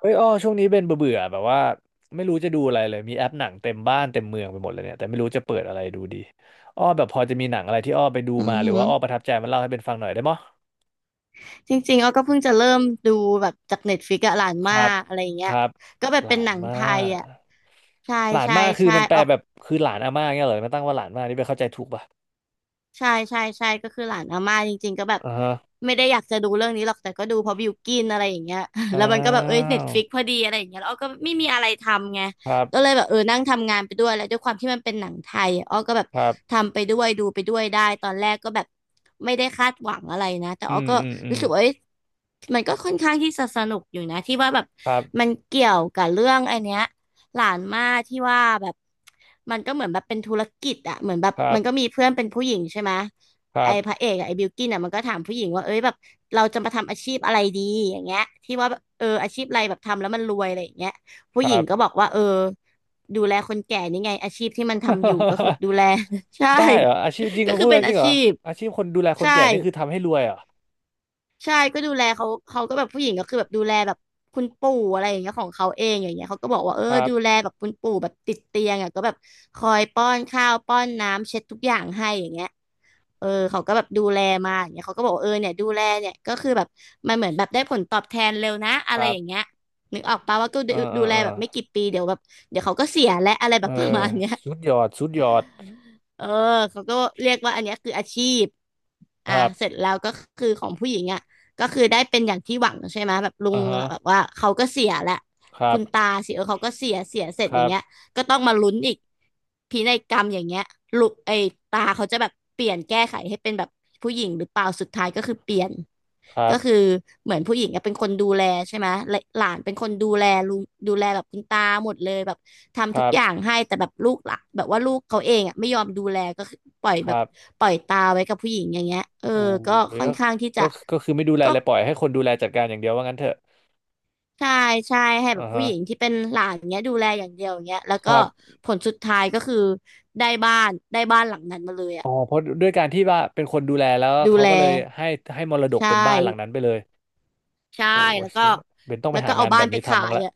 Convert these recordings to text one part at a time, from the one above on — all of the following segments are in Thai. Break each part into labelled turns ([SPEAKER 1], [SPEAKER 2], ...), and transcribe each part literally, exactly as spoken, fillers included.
[SPEAKER 1] เฮ้ยอ้อช่วงนี้เป็นเบื่อๆแบบว่าไม่รู้จะดูอะไรเลยมีแอปหนังเต็มบ้านเต็มเมืองไปหมดเลยเนี่ยแต่ไม่รู้จะเปิดอะไรดูดีอ้อแบบพอจะมีหนังอะไรที่อ้อไปดู
[SPEAKER 2] อื
[SPEAKER 1] มา
[SPEAKER 2] อ
[SPEAKER 1] หรือ
[SPEAKER 2] หือ
[SPEAKER 1] ว่าอ้อประทับใจมันเล่าให้เป็นฟังหน่อยได้มั้ย
[SPEAKER 2] จริงๆอ้อก็เพิ่งจะเริ่มดูแบบจากเน็ตฟลิกซ์อะหลาน
[SPEAKER 1] ค
[SPEAKER 2] มา
[SPEAKER 1] รับ
[SPEAKER 2] กอะไรอย่าง
[SPEAKER 1] ค
[SPEAKER 2] เงี้ย
[SPEAKER 1] รับ
[SPEAKER 2] ก็แบบ
[SPEAKER 1] หลา
[SPEAKER 2] เป็นห
[SPEAKER 1] น
[SPEAKER 2] นัง
[SPEAKER 1] มา
[SPEAKER 2] ไทย
[SPEAKER 1] ก
[SPEAKER 2] อะใช่
[SPEAKER 1] หลาน
[SPEAKER 2] ใช่
[SPEAKER 1] มากคือ
[SPEAKER 2] ใช่
[SPEAKER 1] มันแป
[SPEAKER 2] อ
[SPEAKER 1] ล
[SPEAKER 2] อก
[SPEAKER 1] แบบคือหลานอาม่าเงี้ยเหรอมันตั้งว่าหลานมากนี่ไปเข้าใจถูกป่ะ
[SPEAKER 2] ใช่ใช่ใช่ก็คือหลานอาม่าจริงๆก็แบบ
[SPEAKER 1] อ่าฮะ
[SPEAKER 2] ไม่ได้อยากจะดูเรื่องนี้หรอกแต่ก็ดูเพราะบิวกินอะไรอย่างเงี้ย
[SPEAKER 1] อ้า
[SPEAKER 2] แล้วมันก็แบบเอ้ยเน็ต
[SPEAKER 1] ว
[SPEAKER 2] ฟลิกพอดีอะไรอย่างเงี้ยแล้วอ้อก็ไม่มีอะไรทำไง
[SPEAKER 1] ครั
[SPEAKER 2] ก็
[SPEAKER 1] บ
[SPEAKER 2] เลยแบบเออนั่งทำงานไปด้วยแล้วด้วยความที่มันเป็นหนังไทยอ้อก็แบบ
[SPEAKER 1] ครับ
[SPEAKER 2] ทำไปด้วยดูไปด้วยได้ตอนแรกก็แบบไม่ได้คาดหวังอะไรนะแต่
[SPEAKER 1] อื
[SPEAKER 2] อ้อ
[SPEAKER 1] ม
[SPEAKER 2] ก็
[SPEAKER 1] อืมอืม
[SPEAKER 2] รู้สึกว่าเอ้ยมันก็ค่อนข้างที่จะสนุกอยู่นะที่ว่าแบบ
[SPEAKER 1] ครับ
[SPEAKER 2] มันเกี่ยวกับเรื่องไอเนี้ย หลานม่าที่ว่าแบบมันก็เหมือนแบบเป็นธุรกิจอะเหมือนแบบ
[SPEAKER 1] ครับ
[SPEAKER 2] มันก็มีเพื่อนเป็นผู้หญิงใช่ไหม
[SPEAKER 1] ครั
[SPEAKER 2] ไอ้พ
[SPEAKER 1] บ
[SPEAKER 2] ระเอกอะไอ้บิลกิ้นอะมันก็ถามผู้หญิงว่าเอ้ยแบบเราจะมาทำอาชีพอะไรดีอย่างเงี้ยที่ว่าแบบเอออาชีพอะไรแบบทำแล้วมันรวยอะไรอย่างเงี้ย
[SPEAKER 1] ค
[SPEAKER 2] ผู้หญิ
[SPEAKER 1] รั
[SPEAKER 2] ง
[SPEAKER 1] บ
[SPEAKER 2] ก็บอกว่าเออดูแลคนแก่นี่ไงอาชีพที่มันทำอยู่ก็คือแบบ ดูแล ใช่
[SPEAKER 1] ได้เหรออาชีพจริง
[SPEAKER 2] ก็
[SPEAKER 1] มา
[SPEAKER 2] คื
[SPEAKER 1] พู
[SPEAKER 2] อ
[SPEAKER 1] ด
[SPEAKER 2] เป็
[SPEAKER 1] กั
[SPEAKER 2] น
[SPEAKER 1] นจ
[SPEAKER 2] อา
[SPEAKER 1] ริงเหร
[SPEAKER 2] ชี
[SPEAKER 1] อ
[SPEAKER 2] พ
[SPEAKER 1] อาชีพคนดูแลคน
[SPEAKER 2] ใช่
[SPEAKER 1] แก่นี่คือทำให้รวยเหรอ
[SPEAKER 2] ใช่ก็ดูแลเขาเขาก็แบบผู้หญิงก็คือแบบดูแลแบบคุณปู่อะไรอย่างเงี้ยของเขาเองอย่างเงี้ยเขาก็บอกว่าเออ
[SPEAKER 1] ครับ
[SPEAKER 2] ดูแลแบบคุณปู่แบบติดเตียงอ่ะก็แบบคอยป้อนข้าวป้อนน้ำเช็ดทุกอย่างให้อย่างเงี้ยเออเขาก็แบบดูแลมาอย่างเงี้ยเขาก็บอกว่าเออเนี่ยดูแลเนี่ยก็คือแบบมันเหมือนแบบได้ผลตอบแทนเร็วนะ
[SPEAKER 1] ค
[SPEAKER 2] อะไร
[SPEAKER 1] รั
[SPEAKER 2] อ
[SPEAKER 1] บ
[SPEAKER 2] ย่างเงี้ยนึกออกปะว่าก็
[SPEAKER 1] เอ
[SPEAKER 2] ดู
[SPEAKER 1] อเอ
[SPEAKER 2] ดู
[SPEAKER 1] อ
[SPEAKER 2] แล
[SPEAKER 1] เออ
[SPEAKER 2] แบบไม่กี่ปีเดี๋ยวแบบเดี๋ยวเขาก็เสียและอะไรแบ
[SPEAKER 1] เออ
[SPEAKER 2] บประมาณเนี้ย
[SPEAKER 1] สุดยอดสุดยอด
[SPEAKER 2] เออเขาก็เรียกว่าอันเนี้ยคืออาชีพ
[SPEAKER 1] ค
[SPEAKER 2] อ่า
[SPEAKER 1] รั
[SPEAKER 2] เสร็จ
[SPEAKER 1] บ
[SPEAKER 2] แล้วก็คือของผู้หญิงอ่ะก็คือได้เป็นอย่างที่หวังใช่ไหมแบบลุง
[SPEAKER 1] อ่าฮะ
[SPEAKER 2] แบบว่าเขาก็เสียแหละ
[SPEAKER 1] ครั
[SPEAKER 2] คุ
[SPEAKER 1] บ
[SPEAKER 2] ณตาสิเออเขาก็เสียเสียเสร็จ
[SPEAKER 1] ค
[SPEAKER 2] อย่า
[SPEAKER 1] รั
[SPEAKER 2] ง
[SPEAKER 1] บ
[SPEAKER 2] เงี้ย ก็ต้องมาลุ้นอีกพินัยกรรมอย่างเงี้ยลูกไอ้ตาเขาจะแบบเปลี่ยนแก้ไขให้เป็นแบบผู้หญิงหรือเปล่าสุดท้ายก็คือเปลี่ยน
[SPEAKER 1] ครั
[SPEAKER 2] ก็
[SPEAKER 1] บ
[SPEAKER 2] คือเหมือนผู้หญิงอะเป็นคนดูแลใช่ไหมและหลานเป็นคนดูแลลุงดูแลแบบคุณตาหมดเลยแบบ
[SPEAKER 1] ค
[SPEAKER 2] ทำทุก
[SPEAKER 1] รับ
[SPEAKER 2] อย่างให้แต่แบบลูกหละแบบว่าลูกเขาเองอ่ะไม่ยอมดูแลก็คือปล่อย
[SPEAKER 1] ค
[SPEAKER 2] แบบ
[SPEAKER 1] รับ
[SPEAKER 2] ปล่อยตาไว้กับผู้หญิงอย่างเงี้ยเออ
[SPEAKER 1] โอ้
[SPEAKER 2] ก็
[SPEAKER 1] ย
[SPEAKER 2] ค่อ
[SPEAKER 1] ก็
[SPEAKER 2] นข้างที่จะ
[SPEAKER 1] ก็ก็คือไม่ดูแล
[SPEAKER 2] ก็
[SPEAKER 1] เลยปล่อยให้คนดูแลจัดการอย่างเดียวว่างั้นเถอะ
[SPEAKER 2] ใช่ใช่ให้แบ
[SPEAKER 1] อ่า
[SPEAKER 2] บผู้
[SPEAKER 1] ฮะ
[SPEAKER 2] หญิงที่เป็นหลานเงี้ยดูแลอย่างเดียวเงี้ยแล้ว
[SPEAKER 1] ค
[SPEAKER 2] ก็
[SPEAKER 1] รับ
[SPEAKER 2] ผลสุดท้ายก็คือได้บ้านได้บ้านหลังนั้นมาเลย
[SPEAKER 1] อ๋
[SPEAKER 2] อ่ะ
[SPEAKER 1] อเพราะด้วยการที่ว่าเป็นคนดูแลแล้ว
[SPEAKER 2] ดู
[SPEAKER 1] เขา
[SPEAKER 2] แล
[SPEAKER 1] ก็เลยให้ให้มรดก
[SPEAKER 2] ใช่
[SPEAKER 1] เป็นบ้านหลังนั้นไปเลย
[SPEAKER 2] ใช่
[SPEAKER 1] โอ้
[SPEAKER 2] แล้วก็
[SPEAKER 1] เชี่ยเบนต้องไป
[SPEAKER 2] แล้ว
[SPEAKER 1] หา
[SPEAKER 2] ก็เอา
[SPEAKER 1] งานแบ
[SPEAKER 2] บ้าน
[SPEAKER 1] บ
[SPEAKER 2] ไป
[SPEAKER 1] นี้
[SPEAKER 2] ขา
[SPEAKER 1] ทำบ้าง
[SPEAKER 2] ย
[SPEAKER 1] ละ
[SPEAKER 2] อ่ะ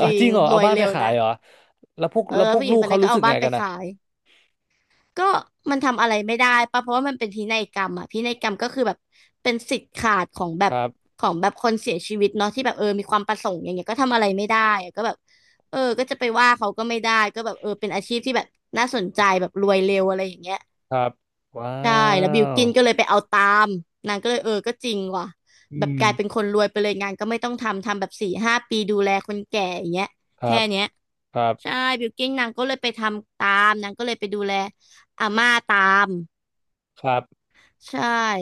[SPEAKER 2] จริ
[SPEAKER 1] จริ
[SPEAKER 2] ง
[SPEAKER 1] งเหรอ
[SPEAKER 2] ร
[SPEAKER 1] เอา
[SPEAKER 2] วย
[SPEAKER 1] บ้านไป
[SPEAKER 2] เร็ว
[SPEAKER 1] ขาย
[SPEAKER 2] นะ
[SPEAKER 1] เหรอ แล้วพวก
[SPEAKER 2] เอ
[SPEAKER 1] แล้ว
[SPEAKER 2] อ
[SPEAKER 1] พวก
[SPEAKER 2] ผู้หญิ
[SPEAKER 1] ลู
[SPEAKER 2] งค
[SPEAKER 1] ก
[SPEAKER 2] น
[SPEAKER 1] เขา
[SPEAKER 2] นั้นก็
[SPEAKER 1] รู้สึ
[SPEAKER 2] เอา
[SPEAKER 1] ก
[SPEAKER 2] บ้า
[SPEAKER 1] ไง
[SPEAKER 2] นไป
[SPEAKER 1] กันนะ
[SPEAKER 2] ขาย ก็มันทำอะไรไม่ได้ป่ะเพราะว่ามันเป็นพินัยกรรมอะพินัยกรรมก็คือแบบเป็นสิทธิ์ขาดของแบ
[SPEAKER 1] ค
[SPEAKER 2] บ
[SPEAKER 1] รับ
[SPEAKER 2] ของแบบคนเสียชีวิตเนาะที่แบบเออมีความประสงค์อย่างเงี้ยก็ทำอะไรไม่ได้อะก็แบบเออก็จะไปว่าเขาก็ไม่ได้ก็แบบเออเป็นอาชีพที่แบบน่าสนใจแบบรวยเร็วอะไรอย่างเงี้ย
[SPEAKER 1] ครับว้า
[SPEAKER 2] ใช่แล้วบิล
[SPEAKER 1] ว
[SPEAKER 2] กินก็เลยไปเอาตามนางก็เลยเออก็จริงว่ะ
[SPEAKER 1] อื
[SPEAKER 2] แบบกลายเป็น
[SPEAKER 1] ม
[SPEAKER 2] คนรวยไปเลยงานก็ไม่ต้องทำทำแบบสี่ห้าปีดูแลคนแก่อย่างเงี้ย
[SPEAKER 1] ครั
[SPEAKER 2] แค่
[SPEAKER 1] บ
[SPEAKER 2] เนี้ย
[SPEAKER 1] ครั
[SPEAKER 2] ใช่
[SPEAKER 1] บ
[SPEAKER 2] บิลกิ้นนางก็เลยไปทำตามนางก็เลยไปดูแลอาม่าตาม
[SPEAKER 1] ครับ
[SPEAKER 2] ใช่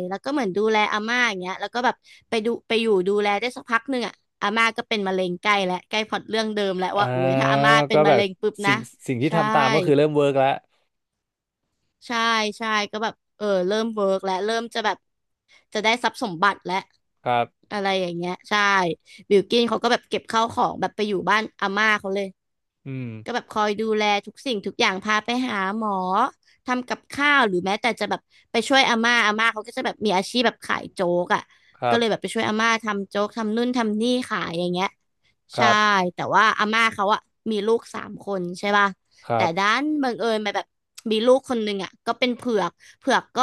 [SPEAKER 2] แล้วก็เหมือนดูแลอาม่าอย่างเงี้ยแล้วก็แบบไปดูไปอยู่ดูแลได้สักพักหนึ่งอ่ะอาม่าก็เป็นมะเร็งใกล้แลวใกล้พล็อตเรื่องเดิมแล้ว
[SPEAKER 1] อ่า
[SPEAKER 2] ว่าโอ้ยถ้าอาม่าเป็
[SPEAKER 1] ก็
[SPEAKER 2] น
[SPEAKER 1] แบ
[SPEAKER 2] มะ
[SPEAKER 1] บ
[SPEAKER 2] เร็งปุ๊บนะ
[SPEAKER 1] สิ่งสิ่งที่
[SPEAKER 2] ใช่
[SPEAKER 1] ทำตามก็คือเริ่มเวิร์กแล้ว
[SPEAKER 2] ใช่ใช่ก็แบบเออเริ่มเวิร์กแล้วเริ่มจะแบบจะได้ทรัพย์สมบัติแล้ว
[SPEAKER 1] ครับ
[SPEAKER 2] อะไรอย่างเงี้ยใช่บิลกิ้นเขาก็แบบเก็บข้าวของแบบไปอยู่บ้านอาม่าเขาเลย
[SPEAKER 1] อืม
[SPEAKER 2] ก็แบบคอยดูแลทุกสิ่งทุกอย่างพาไปหาหมอทำกับข้าวหรือแม้แต่จะแบบไปช่วยอาม่าอาม่าเขาก็จะแบบมีอาชีพแบบขายโจ๊กอ่ะ
[SPEAKER 1] ครั
[SPEAKER 2] ก็
[SPEAKER 1] บ
[SPEAKER 2] เลยแบบไปช่วยอาม่าทำโจ๊กทำนู่นทำนี่ขายอย่างเงี้ย
[SPEAKER 1] ค
[SPEAKER 2] ใช่
[SPEAKER 1] รับ
[SPEAKER 2] แต่ว่าอาม่าเขาอะมีลูกสามคนใช่ป่ะ
[SPEAKER 1] ครั
[SPEAKER 2] แต่ด้า
[SPEAKER 1] บ
[SPEAKER 2] นบังเอิญมาแบบมีลูกคนหนึ่งอะก็เป็นเผือกเผือกก็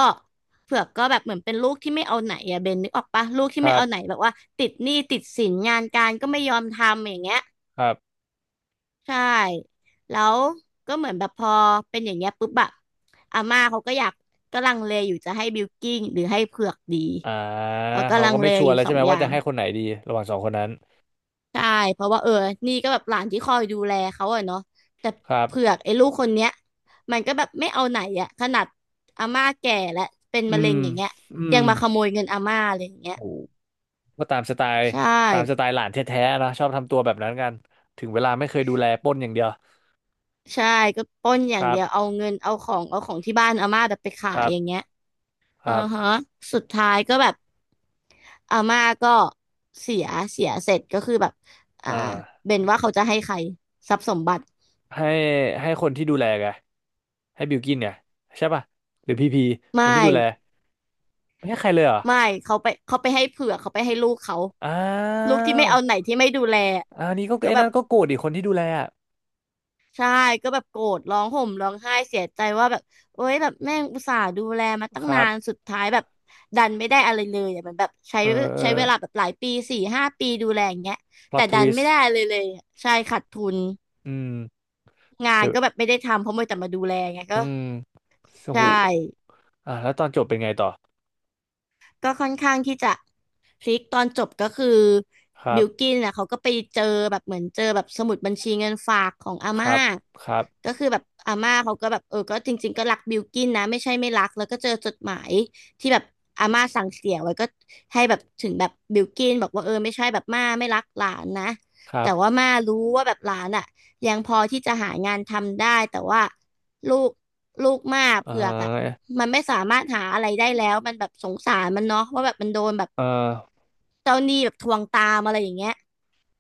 [SPEAKER 2] เผือกก็แบบเหมือนเป็นลูกที่ไม่เอาไหนอะเบนนึกออกปะลูกที่
[SPEAKER 1] ค
[SPEAKER 2] ไม่
[SPEAKER 1] รับ
[SPEAKER 2] เอาไหนแบบว่าติดหนี้ติดสินงานการก็ไม่ยอมทำอย่างเงี้ย
[SPEAKER 1] ครับ
[SPEAKER 2] ใช่แล้วก็เหมือนแบบพอเป็นอย่างเงี้ยปุ๊บอะอาม่าเขาก็อยากก็ลังเลอยู่จะให้บิลกิ้งหรือให้เผือกดี
[SPEAKER 1] อ่า
[SPEAKER 2] เขาก็
[SPEAKER 1] เขา
[SPEAKER 2] ลัง
[SPEAKER 1] ก็ไม่
[SPEAKER 2] เล
[SPEAKER 1] ชัว
[SPEAKER 2] อ
[SPEAKER 1] ร์
[SPEAKER 2] ยู่
[SPEAKER 1] แล้ว
[SPEAKER 2] สอ
[SPEAKER 1] ใช่
[SPEAKER 2] ง
[SPEAKER 1] ไหม
[SPEAKER 2] อ
[SPEAKER 1] ว่า
[SPEAKER 2] ย่า
[SPEAKER 1] จะ
[SPEAKER 2] ง
[SPEAKER 1] ให้คนไหนดีระหว่างสองคนนั้น
[SPEAKER 2] ใช่เพราะว่าเออนี่ก็แบบหลานที่คอยดูแลเขาอะเนาะแต่
[SPEAKER 1] ครับ
[SPEAKER 2] เผือกไอ้ลูกคนเนี้ยมันก็แบบไม่เอาไหนอะขนาดอาม่าแก่และเป็น
[SPEAKER 1] อื
[SPEAKER 2] มะเร็
[SPEAKER 1] ม
[SPEAKER 2] งอย่างเงี้ย
[SPEAKER 1] อื
[SPEAKER 2] ยั
[SPEAKER 1] ม
[SPEAKER 2] งมาขโมยเงินอาม่าอะไรอย่างเงี้ย
[SPEAKER 1] โอ้ก็ตามสไตล์
[SPEAKER 2] ใช่
[SPEAKER 1] ตามสไตล์หลานแท้ๆนะชอบทำตัวแบบนั้นกันถึงเวลาไม่เคยดูแลปล้นอย่างเดียว
[SPEAKER 2] ใช่ก็ปล้นอ
[SPEAKER 1] ค
[SPEAKER 2] ย่าง
[SPEAKER 1] รั
[SPEAKER 2] เดี
[SPEAKER 1] บ
[SPEAKER 2] ยวเอาเงินเอาของเอาของที่บ้านอาม่าแบบไปขา
[SPEAKER 1] ค
[SPEAKER 2] ย
[SPEAKER 1] รับ
[SPEAKER 2] อย่างเงี้ย
[SPEAKER 1] ค
[SPEAKER 2] อือ
[SPEAKER 1] รั
[SPEAKER 2] ฮะ
[SPEAKER 1] บ
[SPEAKER 2] สุดท้ายก็แบบอาม่าก็เสียเสียเสร็จก็คือแบบอ่า
[SPEAKER 1] อ่า
[SPEAKER 2] เบนว่าเขาจะให้ใครทรัพย์สมบัติ
[SPEAKER 1] ให้ให้คนที่ดูแลไงให้บิลกินไงใช่ป่ะหรือพีพีค
[SPEAKER 2] ไม่
[SPEAKER 1] นที่ดูแลไม่ให้ใครเลยเหรอ
[SPEAKER 2] ไม่เขาไปเขาไปให้เผือกเขาไปให้ลูกเขา
[SPEAKER 1] อ้า
[SPEAKER 2] ลูกที่ไม่
[SPEAKER 1] ว
[SPEAKER 2] เอาไหนที่ไม่ดูแล
[SPEAKER 1] อันนี้ก็
[SPEAKER 2] ก็
[SPEAKER 1] ไอ้
[SPEAKER 2] แบบ
[SPEAKER 1] นั่นก็โกรธอีกคนที่ดูแลอะ
[SPEAKER 2] ใช่ก็แบบโกรธร้องห่มร้องไห้เสียใจว่าแบบโอ๊ยแบบแม่งอุตส่าห์ดูแลมาตั้
[SPEAKER 1] ค
[SPEAKER 2] ง
[SPEAKER 1] รั
[SPEAKER 2] นา
[SPEAKER 1] บ
[SPEAKER 2] นสุดท้ายแบบดันไม่ได้อะไรเลยอ่ะมันแบบใช้
[SPEAKER 1] เออเอ
[SPEAKER 2] ใช้
[SPEAKER 1] อ
[SPEAKER 2] เวลาแบบหลายปีสี่ห้าปีดูแลอย่างเงี้ย
[SPEAKER 1] พล็อ
[SPEAKER 2] แต่
[SPEAKER 1] ตท
[SPEAKER 2] ดัน
[SPEAKER 1] วิส
[SPEAKER 2] ไม่
[SPEAKER 1] ต์
[SPEAKER 2] ได้เลยเลยอะใช่ขาดทุน
[SPEAKER 1] อืม
[SPEAKER 2] งา
[SPEAKER 1] เดี๋
[SPEAKER 2] น
[SPEAKER 1] ยว
[SPEAKER 2] ก็แบบไม่ได้ทำเพราะมัวแต่มาดูแลไง
[SPEAKER 1] อื
[SPEAKER 2] ก็
[SPEAKER 1] มส
[SPEAKER 2] ใช่
[SPEAKER 1] หูอ่ะแล้วตอนจบเป็นไงต่อ
[SPEAKER 2] ก็ค่อนข้างที่จะพลิกตอนจบก็คือ
[SPEAKER 1] ครั
[SPEAKER 2] บิ
[SPEAKER 1] บ
[SPEAKER 2] ลกินอ่ะเขาก็ไปเจอแบบเหมือนเจอแบบสมุดบัญชีเงินฝากของอา
[SPEAKER 1] ค
[SPEAKER 2] ม่า
[SPEAKER 1] รับครับ
[SPEAKER 2] ก็คือแบบอาม่าเขาก็แบบเออก็จริงๆก็รักบิลกินนะไม่ใช่ไม่รักแล้วก็เจอจดหมายที่แบบอาม่าสั่งเสียไว้ก็ให้แบบถึงแบบบิลกินบอกว่าเออไม่ใช่แบบม่าไม่รักหลานนะ
[SPEAKER 1] ครั
[SPEAKER 2] แต่
[SPEAKER 1] บ
[SPEAKER 2] ว่าม่ารู้ว่าแบบหลานอ่ะ ยังพอที่จะหางานทำได้แต่ว่าลูกลูกมาก
[SPEAKER 1] เ
[SPEAKER 2] เผือกอ่ะ
[SPEAKER 1] ออ
[SPEAKER 2] มันไม่สามารถหาอะไรได้แล้วมันแบบสงสารมันเนาะว่าแบบมันโดนแบบ
[SPEAKER 1] เออ
[SPEAKER 2] เจ้าหนี้แบบทวงตามอะไรอย่างเงี้ย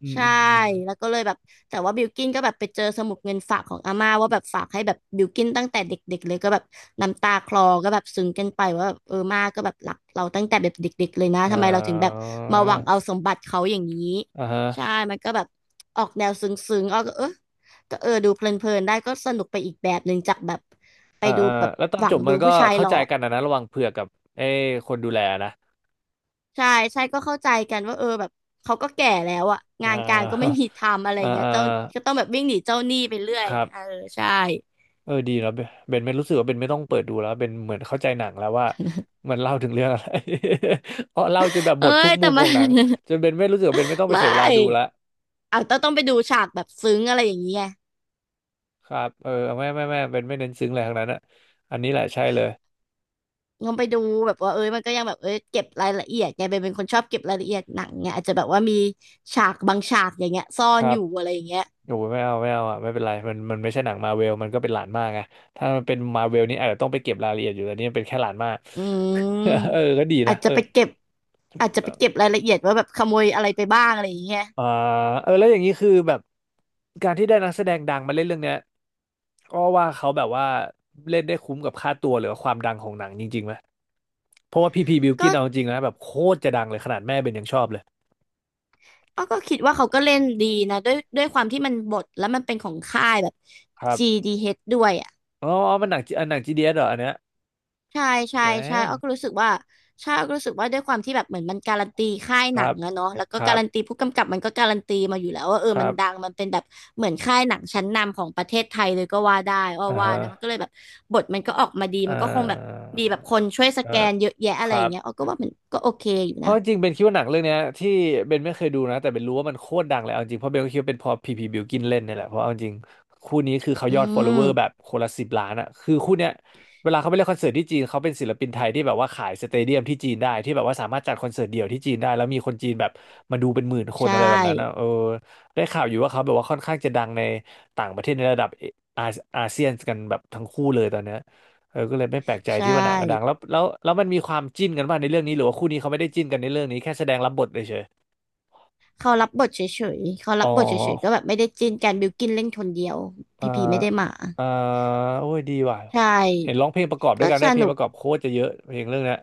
[SPEAKER 1] อืม
[SPEAKER 2] ใช่
[SPEAKER 1] อืมอืม
[SPEAKER 2] แล้วก็เลยแบบแต่ว่าบิลกิ้นก็แบบไปเจอสมุดเงินฝากของอาม่าว่าแบบฝากให้แบบบิลกิ้นตั้งแต่เด็กๆเลยก็แบบน้ำตาคลอก็แบบซึ้งกันไปว่าแบบเออมาก็แบบรักเราตั้งแต่แบบเด็กๆเลยนะ
[SPEAKER 1] เอ
[SPEAKER 2] ทำไมเราถึงแบบ
[SPEAKER 1] อ
[SPEAKER 2] มาหวังเอาสมบัติเขาอย่างนี้
[SPEAKER 1] อ่าฮะ
[SPEAKER 2] ใช่มันก็แบบออกแนวซึ้งๆอ้อก็เออก็เออดูเพลินๆได้ก็สนุกไปอีกแบบหนึ่งจากแบบไป
[SPEAKER 1] อ่า
[SPEAKER 2] ดู
[SPEAKER 1] อ่า
[SPEAKER 2] แบบ
[SPEAKER 1] แล้วตอน
[SPEAKER 2] หวั
[SPEAKER 1] จ
[SPEAKER 2] ง
[SPEAKER 1] บมั
[SPEAKER 2] ดู
[SPEAKER 1] นก็
[SPEAKER 2] ผู้ชาย
[SPEAKER 1] เข้า
[SPEAKER 2] หล่อ
[SPEAKER 1] ใจกันนะนะระหว่างเผือกกับไอ้คนดูแลนะ
[SPEAKER 2] ใช่ใช่ก็เข้าใจกันว่าเออแบบเขาก็แก่แล้วอะ
[SPEAKER 1] อ่า
[SPEAKER 2] งานการก็ไม่มีทำอะไร
[SPEAKER 1] อ่า
[SPEAKER 2] เงี้ย
[SPEAKER 1] อ่า
[SPEAKER 2] เจ้าก็ต้องแบบวิ่งหนีเจ้าหนี้ไปเรื่อย
[SPEAKER 1] ค
[SPEAKER 2] อย่าง
[SPEAKER 1] รั
[SPEAKER 2] เงี้ย
[SPEAKER 1] บ
[SPEAKER 2] เออใช่
[SPEAKER 1] เออดีแล้วเบนเบนไม่รู้สึกว่าเบนไม่ต้องเปิดดูแล้วเบนเหมือนเข้าใจหนังแล้วว่า มันเล่าถึงเรื่องอะไร เพราะเล่าจนแบบห
[SPEAKER 2] เอ้
[SPEAKER 1] มดทุก
[SPEAKER 2] ยแต่
[SPEAKER 1] มุมข
[SPEAKER 2] มั
[SPEAKER 1] อ
[SPEAKER 2] น
[SPEAKER 1] งหนัง จนเบนไม่รู้สึกว่าเบนไม่ ต้องไปเสี
[SPEAKER 2] ไม่
[SPEAKER 1] ยเวลาดูละ
[SPEAKER 2] เอาต้องต้องไปดูฉากแบบซึ้งอะไรอย่างเงี้ย
[SPEAKER 1] ครับเออไม่ไม่ไม่เบนไม่เน้นซึ้งอะไรทั้งนั้นอะอันนี้แหละใช่เลย
[SPEAKER 2] ต้องไปดูแบบว่าเอ้ยมันก็ยังแบบเอ้ยเก็บรายละเอียดไงเบนเป็นคนชอบเก็บรายละเอียดหนังเงอาจจะแบบว่ามีฉากบางฉากอย่างเงี้ยซ่อ
[SPEAKER 1] ค
[SPEAKER 2] น
[SPEAKER 1] รั
[SPEAKER 2] อ
[SPEAKER 1] บ
[SPEAKER 2] ยู่อะไรอย่างเงี้ย
[SPEAKER 1] โอ้ยไม่เอาไม่เอาอ่ะไม่เป็นไรมันมันไม่ใช่หนังมาเวล มันก็เป็นหลานมากไงถ้ามันเป็นมาเวลนี่อาจจะต้องไปเก็บรายละเอียดอยู่แต่นี่มันเป็นแค่หลานมาก
[SPEAKER 2] อื
[SPEAKER 1] เออ
[SPEAKER 2] ม
[SPEAKER 1] ก็ดี
[SPEAKER 2] อา
[SPEAKER 1] นะ
[SPEAKER 2] จ
[SPEAKER 1] เอ
[SPEAKER 2] จะ
[SPEAKER 1] อ
[SPEAKER 2] ไปเก็บอาจจะไปเก็บรายละเอียดว่าแบบขโมยอะไรไปบ้างอะไรอย่างเงี้ย
[SPEAKER 1] อ่าเออแล้วอย่างนี้คือแบบการที่ได้นักแสดงดังมาเล่นเรื่องเนี้ยก็ว่าเขาแบบว่าเล่นได้คุ้มกับค่าตัวหรือว่าความดังของหนังจริงๆไหมเพราะว่าพีพีบิลกิ
[SPEAKER 2] ก็
[SPEAKER 1] นเอาจริงนะแบบโคตรจะดังเลยขนาดแม่เป็นยังชอบเลย
[SPEAKER 2] อ้อก็คิดว่าเขาก็เล่นดีนะด้วยด้วยความที่มันบทแล้วมันเป็นของค่ายแบบ
[SPEAKER 1] ครับ
[SPEAKER 2] จี ดี เอช ดเอชด้วยอ่ะ
[SPEAKER 1] อ๋ออ๋อมันหนังอันหนังจีดีเอสเหรออันเนี้ย
[SPEAKER 2] ใช่ใช่
[SPEAKER 1] แต
[SPEAKER 2] ใช่
[SPEAKER 1] ม
[SPEAKER 2] อ้อก็รู้สึกว่าใช่อ้อก็รู้สึกว่าด้วยความที่แบบเหมือนมันการันตีค่าย
[SPEAKER 1] ค
[SPEAKER 2] หนั
[SPEAKER 1] รั
[SPEAKER 2] ง
[SPEAKER 1] บ
[SPEAKER 2] อะเนาะแล้ว
[SPEAKER 1] ค
[SPEAKER 2] ก็
[SPEAKER 1] รั
[SPEAKER 2] กา
[SPEAKER 1] บ
[SPEAKER 2] รันตีผู้กำกับมันก็การันตีมาอยู่แล้วว่าเออ
[SPEAKER 1] ค
[SPEAKER 2] มั
[SPEAKER 1] รั
[SPEAKER 2] น
[SPEAKER 1] บ
[SPEAKER 2] ดังมันเป็นแบบเหมือนค่ายหนังชั้นนำของประเทศไทยเลยก็ว่าได้อ้อ
[SPEAKER 1] อ่า
[SPEAKER 2] ว่านะมันก็
[SPEAKER 1] ฮะ
[SPEAKER 2] เลยแบบบทมันก็ออกมาดี
[SPEAKER 1] อ่
[SPEAKER 2] มันก็คงแบบ
[SPEAKER 1] า
[SPEAKER 2] มีแบบคนช่วยส
[SPEAKER 1] อ่า
[SPEAKER 2] แกนเยอะแยะ
[SPEAKER 1] ค
[SPEAKER 2] อะไร
[SPEAKER 1] รั
[SPEAKER 2] อย่าง
[SPEAKER 1] บ
[SPEAKER 2] เงี้ยอ้อก็ว่ามันก็โอเคอยู่
[SPEAKER 1] เพ
[SPEAKER 2] นะ
[SPEAKER 1] ราะจริงๆเบนคิดว่าหนังเรื่องเนี้ยที่เบนไม่เคยดูนะแต่เบนรู้ว่ามันโคตรดังเลยเอาจริงเพราะเบนก็คิดว่าเป็นเพอพีพีบิวกินเล่นเนี่ยแหละเพราะเอาจริงคู่นี้คือเขา
[SPEAKER 2] อื
[SPEAKER 1] ยอด follower แบบ
[SPEAKER 2] ม
[SPEAKER 1] คนละสิบล้านอ่ะคือคู่เนี้ยเวลาเขาไปเล่นคอนเสิร์ตที่จีนเขาเป็นศิลปินไทยที่แบบว่าขายสเตเดียมที่จีนได้ที่แบบว่าสามารถจัดคอนเสิร์ตเดี่ยวที่จีนได้แล้วมีคนจีนแบบมาดูเป็นหมื่นคน
[SPEAKER 2] ใช่
[SPEAKER 1] อะไรแบบนั้นอ่ะเออได้ข่าวอยู่ว่าเขาแบบว่าค่อนข้างจะดังในต่างประเทศในระดับออาอาเซียนกันแบบทั้งคู่เลยตอนเนี้ย เออก็เลยไม่แปลกใจ
[SPEAKER 2] ใช
[SPEAKER 1] ที่ว่าหนังก็ดัง
[SPEAKER 2] ่
[SPEAKER 1] แล้วแล้วแล้วมันมีความจิ้นกันบ้างในเรื่องนี้หรือว่าคู่นี้เขาไม่ได้จิ้นกันในเรื่องนี้แค่แสดงรับบทเฉย
[SPEAKER 2] เขารับบทเฉยๆ เขา
[SPEAKER 1] ๆอ๋
[SPEAKER 2] รั
[SPEAKER 1] อ
[SPEAKER 2] บบทเฉยๆ ก็แบบไม่ได้จิ้นกันบิวกินเล่นคนเดียว
[SPEAKER 1] เอ่อ
[SPEAKER 2] พีพีไม่ได้มา
[SPEAKER 1] เอ่อโอ้ยดีว่ะ
[SPEAKER 2] ใช่
[SPEAKER 1] เห็นร้องเพลงประกอบด้ว
[SPEAKER 2] ก็
[SPEAKER 1] ยกัน
[SPEAKER 2] ส
[SPEAKER 1] ได้เพลง
[SPEAKER 2] นุ
[SPEAKER 1] ป
[SPEAKER 2] ก
[SPEAKER 1] ระกอบโคตรจะเยอะเพลงเรื่องเนี้ย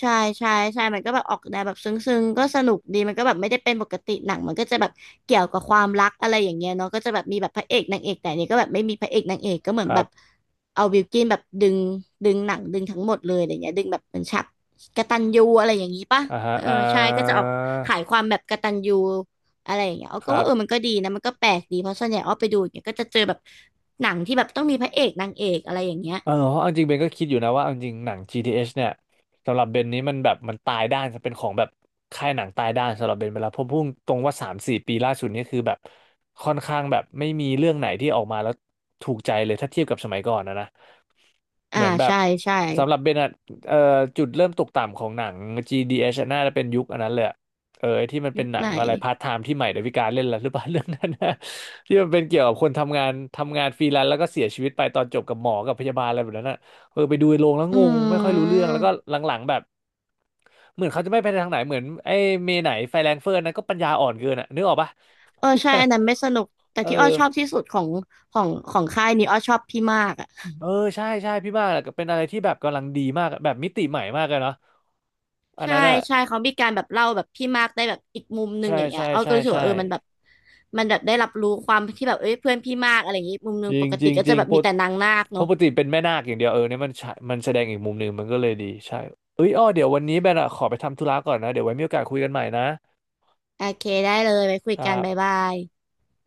[SPEAKER 2] ใช่ใช่ใช่มันก็แบบออกแนวแบบซึ้งๆก็สนุกดี มันก็แบบไม่ได้เป็นปกติหนังมันก็จะแบบเกี่ยวกับความรักอะไรอย่างเงี้ยเนาะก็จะแบบมีแบบพระเอกนางเอกแต่อันนี้ก็แบบไม่มีพระเอกนางเอกก็เหมื
[SPEAKER 1] ค
[SPEAKER 2] อนแบ
[SPEAKER 1] รับ
[SPEAKER 2] บเอาบิลกินแบบดึงดึงหนังดึงทั้งหมดเลยอะไรเงี้ยดึงแบบเป็นฉากกตัญญูอะไรอย่างงี้ป่ะ
[SPEAKER 1] อ่าฮะ
[SPEAKER 2] เออ
[SPEAKER 1] อ่า
[SPEAKER 2] ใช่ก็จะออกขายความแบบกตัญญูอะไรอย่างเงี้ยอ้อ
[SPEAKER 1] ค
[SPEAKER 2] ก็
[SPEAKER 1] รั
[SPEAKER 2] ว่า
[SPEAKER 1] บ
[SPEAKER 2] เออมันก็ดีนะมันก็แปลกดีเพราะส่วนใหญ่อ้อไปดูอย่างเงี้ยก็จะเจอแบบหนังที่แบบต้องมีพระเอกนางเอกอะไรอย่างเงี้ย
[SPEAKER 1] เออเพราะเอาจริงเบนก็คิดอยู่นะว่าเอาจริงหนัง จี ที เอช เอชเนี่ยสำหรับเบนนี้มันแบบมันตายด้านจะเป็นของแบบค่ายหนังตายด้านสำหรับเบนไปแล้วเพราะพุ่งตรงว่าสามสี่ปีล่าสุดนี่คือแบบค่อนข้างแบบไม่มีเรื่องไหนที่ออกมาแล้วถูกใจเลยถ้าเทียบกับสมัยก่อนนะนะเห
[SPEAKER 2] อ่า
[SPEAKER 1] มือนแบบ
[SPEAKER 2] ใช่ใช่
[SPEAKER 1] สำหรับเบนอะเอ่อจุดเริ่มตกต่ำของหนัง จี ดี เอช อชอะน่าจะเป็นยุคอันนั้นเลย เออไอ้ที่มันเป็
[SPEAKER 2] ยุ
[SPEAKER 1] น
[SPEAKER 2] ค
[SPEAKER 1] หนั
[SPEAKER 2] ไห
[SPEAKER 1] ง
[SPEAKER 2] น
[SPEAKER 1] อะไรพาร์ทไทม์ที่ใหม่ดาวิกาเล่นแล้วหรือเปล่า เรื่องนั้นนะที่มันเป็นเกี่ยวกับคนทำงานทำงานฟรีแลนซ์แล้วก็เสียชีวิตไปตอนจบกับหมอกับพยาบาลอะไรแบบนั้นอ่ะเออไปดูในโรงแล้ว
[SPEAKER 2] อื
[SPEAKER 1] งงไม่ค่อยรู้เรื่อง
[SPEAKER 2] ม
[SPEAKER 1] แล้วก็หลังๆแบบเหมือนเขาจะไม่ไปทางไหนเหมือนไอ้เมไหนไฟแรงเฟิร์นนะก็ปัญญาอ่อนเกินอ่ะนึกออกปะ
[SPEAKER 2] เออใช่อันนั้นไม่สนุกแต่
[SPEAKER 1] เออ
[SPEAKER 2] ที่อ้อชอบที่สุดของของของค่ายนี้อ้อชอบพี่มากอ่ะ
[SPEAKER 1] เออใช่ใช่พี่มากเป็นอะไรที่แบบกำลังดีมากอะแบบมิติใหม่มากเลยเนาะอัน
[SPEAKER 2] ใช่
[SPEAKER 1] นั้นอ่ะ
[SPEAKER 2] ใช่เขามีการแบบเล่าแบบพี่มากได้แบบอีกมุมหนึ่ง
[SPEAKER 1] ใช่
[SPEAKER 2] อย่างเงี้ย
[SPEAKER 1] ใช่
[SPEAKER 2] อ้อ
[SPEAKER 1] ใช่
[SPEAKER 2] ก็รู้สึก
[SPEAKER 1] ใช่
[SPEAKER 2] ว่าเออมันแบบมันแบบได้รับรู้ความที่แบบเอ้ยเพื่อนพี่มากอะไรอย่างงี้มุมหนึ
[SPEAKER 1] จ
[SPEAKER 2] ง
[SPEAKER 1] ริ
[SPEAKER 2] ป
[SPEAKER 1] ง
[SPEAKER 2] ก
[SPEAKER 1] จ
[SPEAKER 2] ติ
[SPEAKER 1] ริง
[SPEAKER 2] ก็
[SPEAKER 1] จ
[SPEAKER 2] จะ
[SPEAKER 1] ริง
[SPEAKER 2] แบบ
[SPEAKER 1] ป
[SPEAKER 2] มี
[SPEAKER 1] ก
[SPEAKER 2] แต่นางนาค
[SPEAKER 1] เพ
[SPEAKER 2] เนาะ
[SPEAKER 1] ราะปกติเป็นแม่นาคอย่างเดียวเออเนี่ยมันใช่มันแสดงอีกมุมหนึ่งมันก็เลยดีใช่เอ้ยอ้อเดี๋ยววันนี้แบนอะขอไปทำธุระก่อนนะเดี๋ยวไว้มีโอกาสคุยกันใหม่นะ
[SPEAKER 2] โอเคได้เลยไว้คุย
[SPEAKER 1] ค
[SPEAKER 2] กั
[SPEAKER 1] รั
[SPEAKER 2] น
[SPEAKER 1] บ
[SPEAKER 2] บ๊ายบาย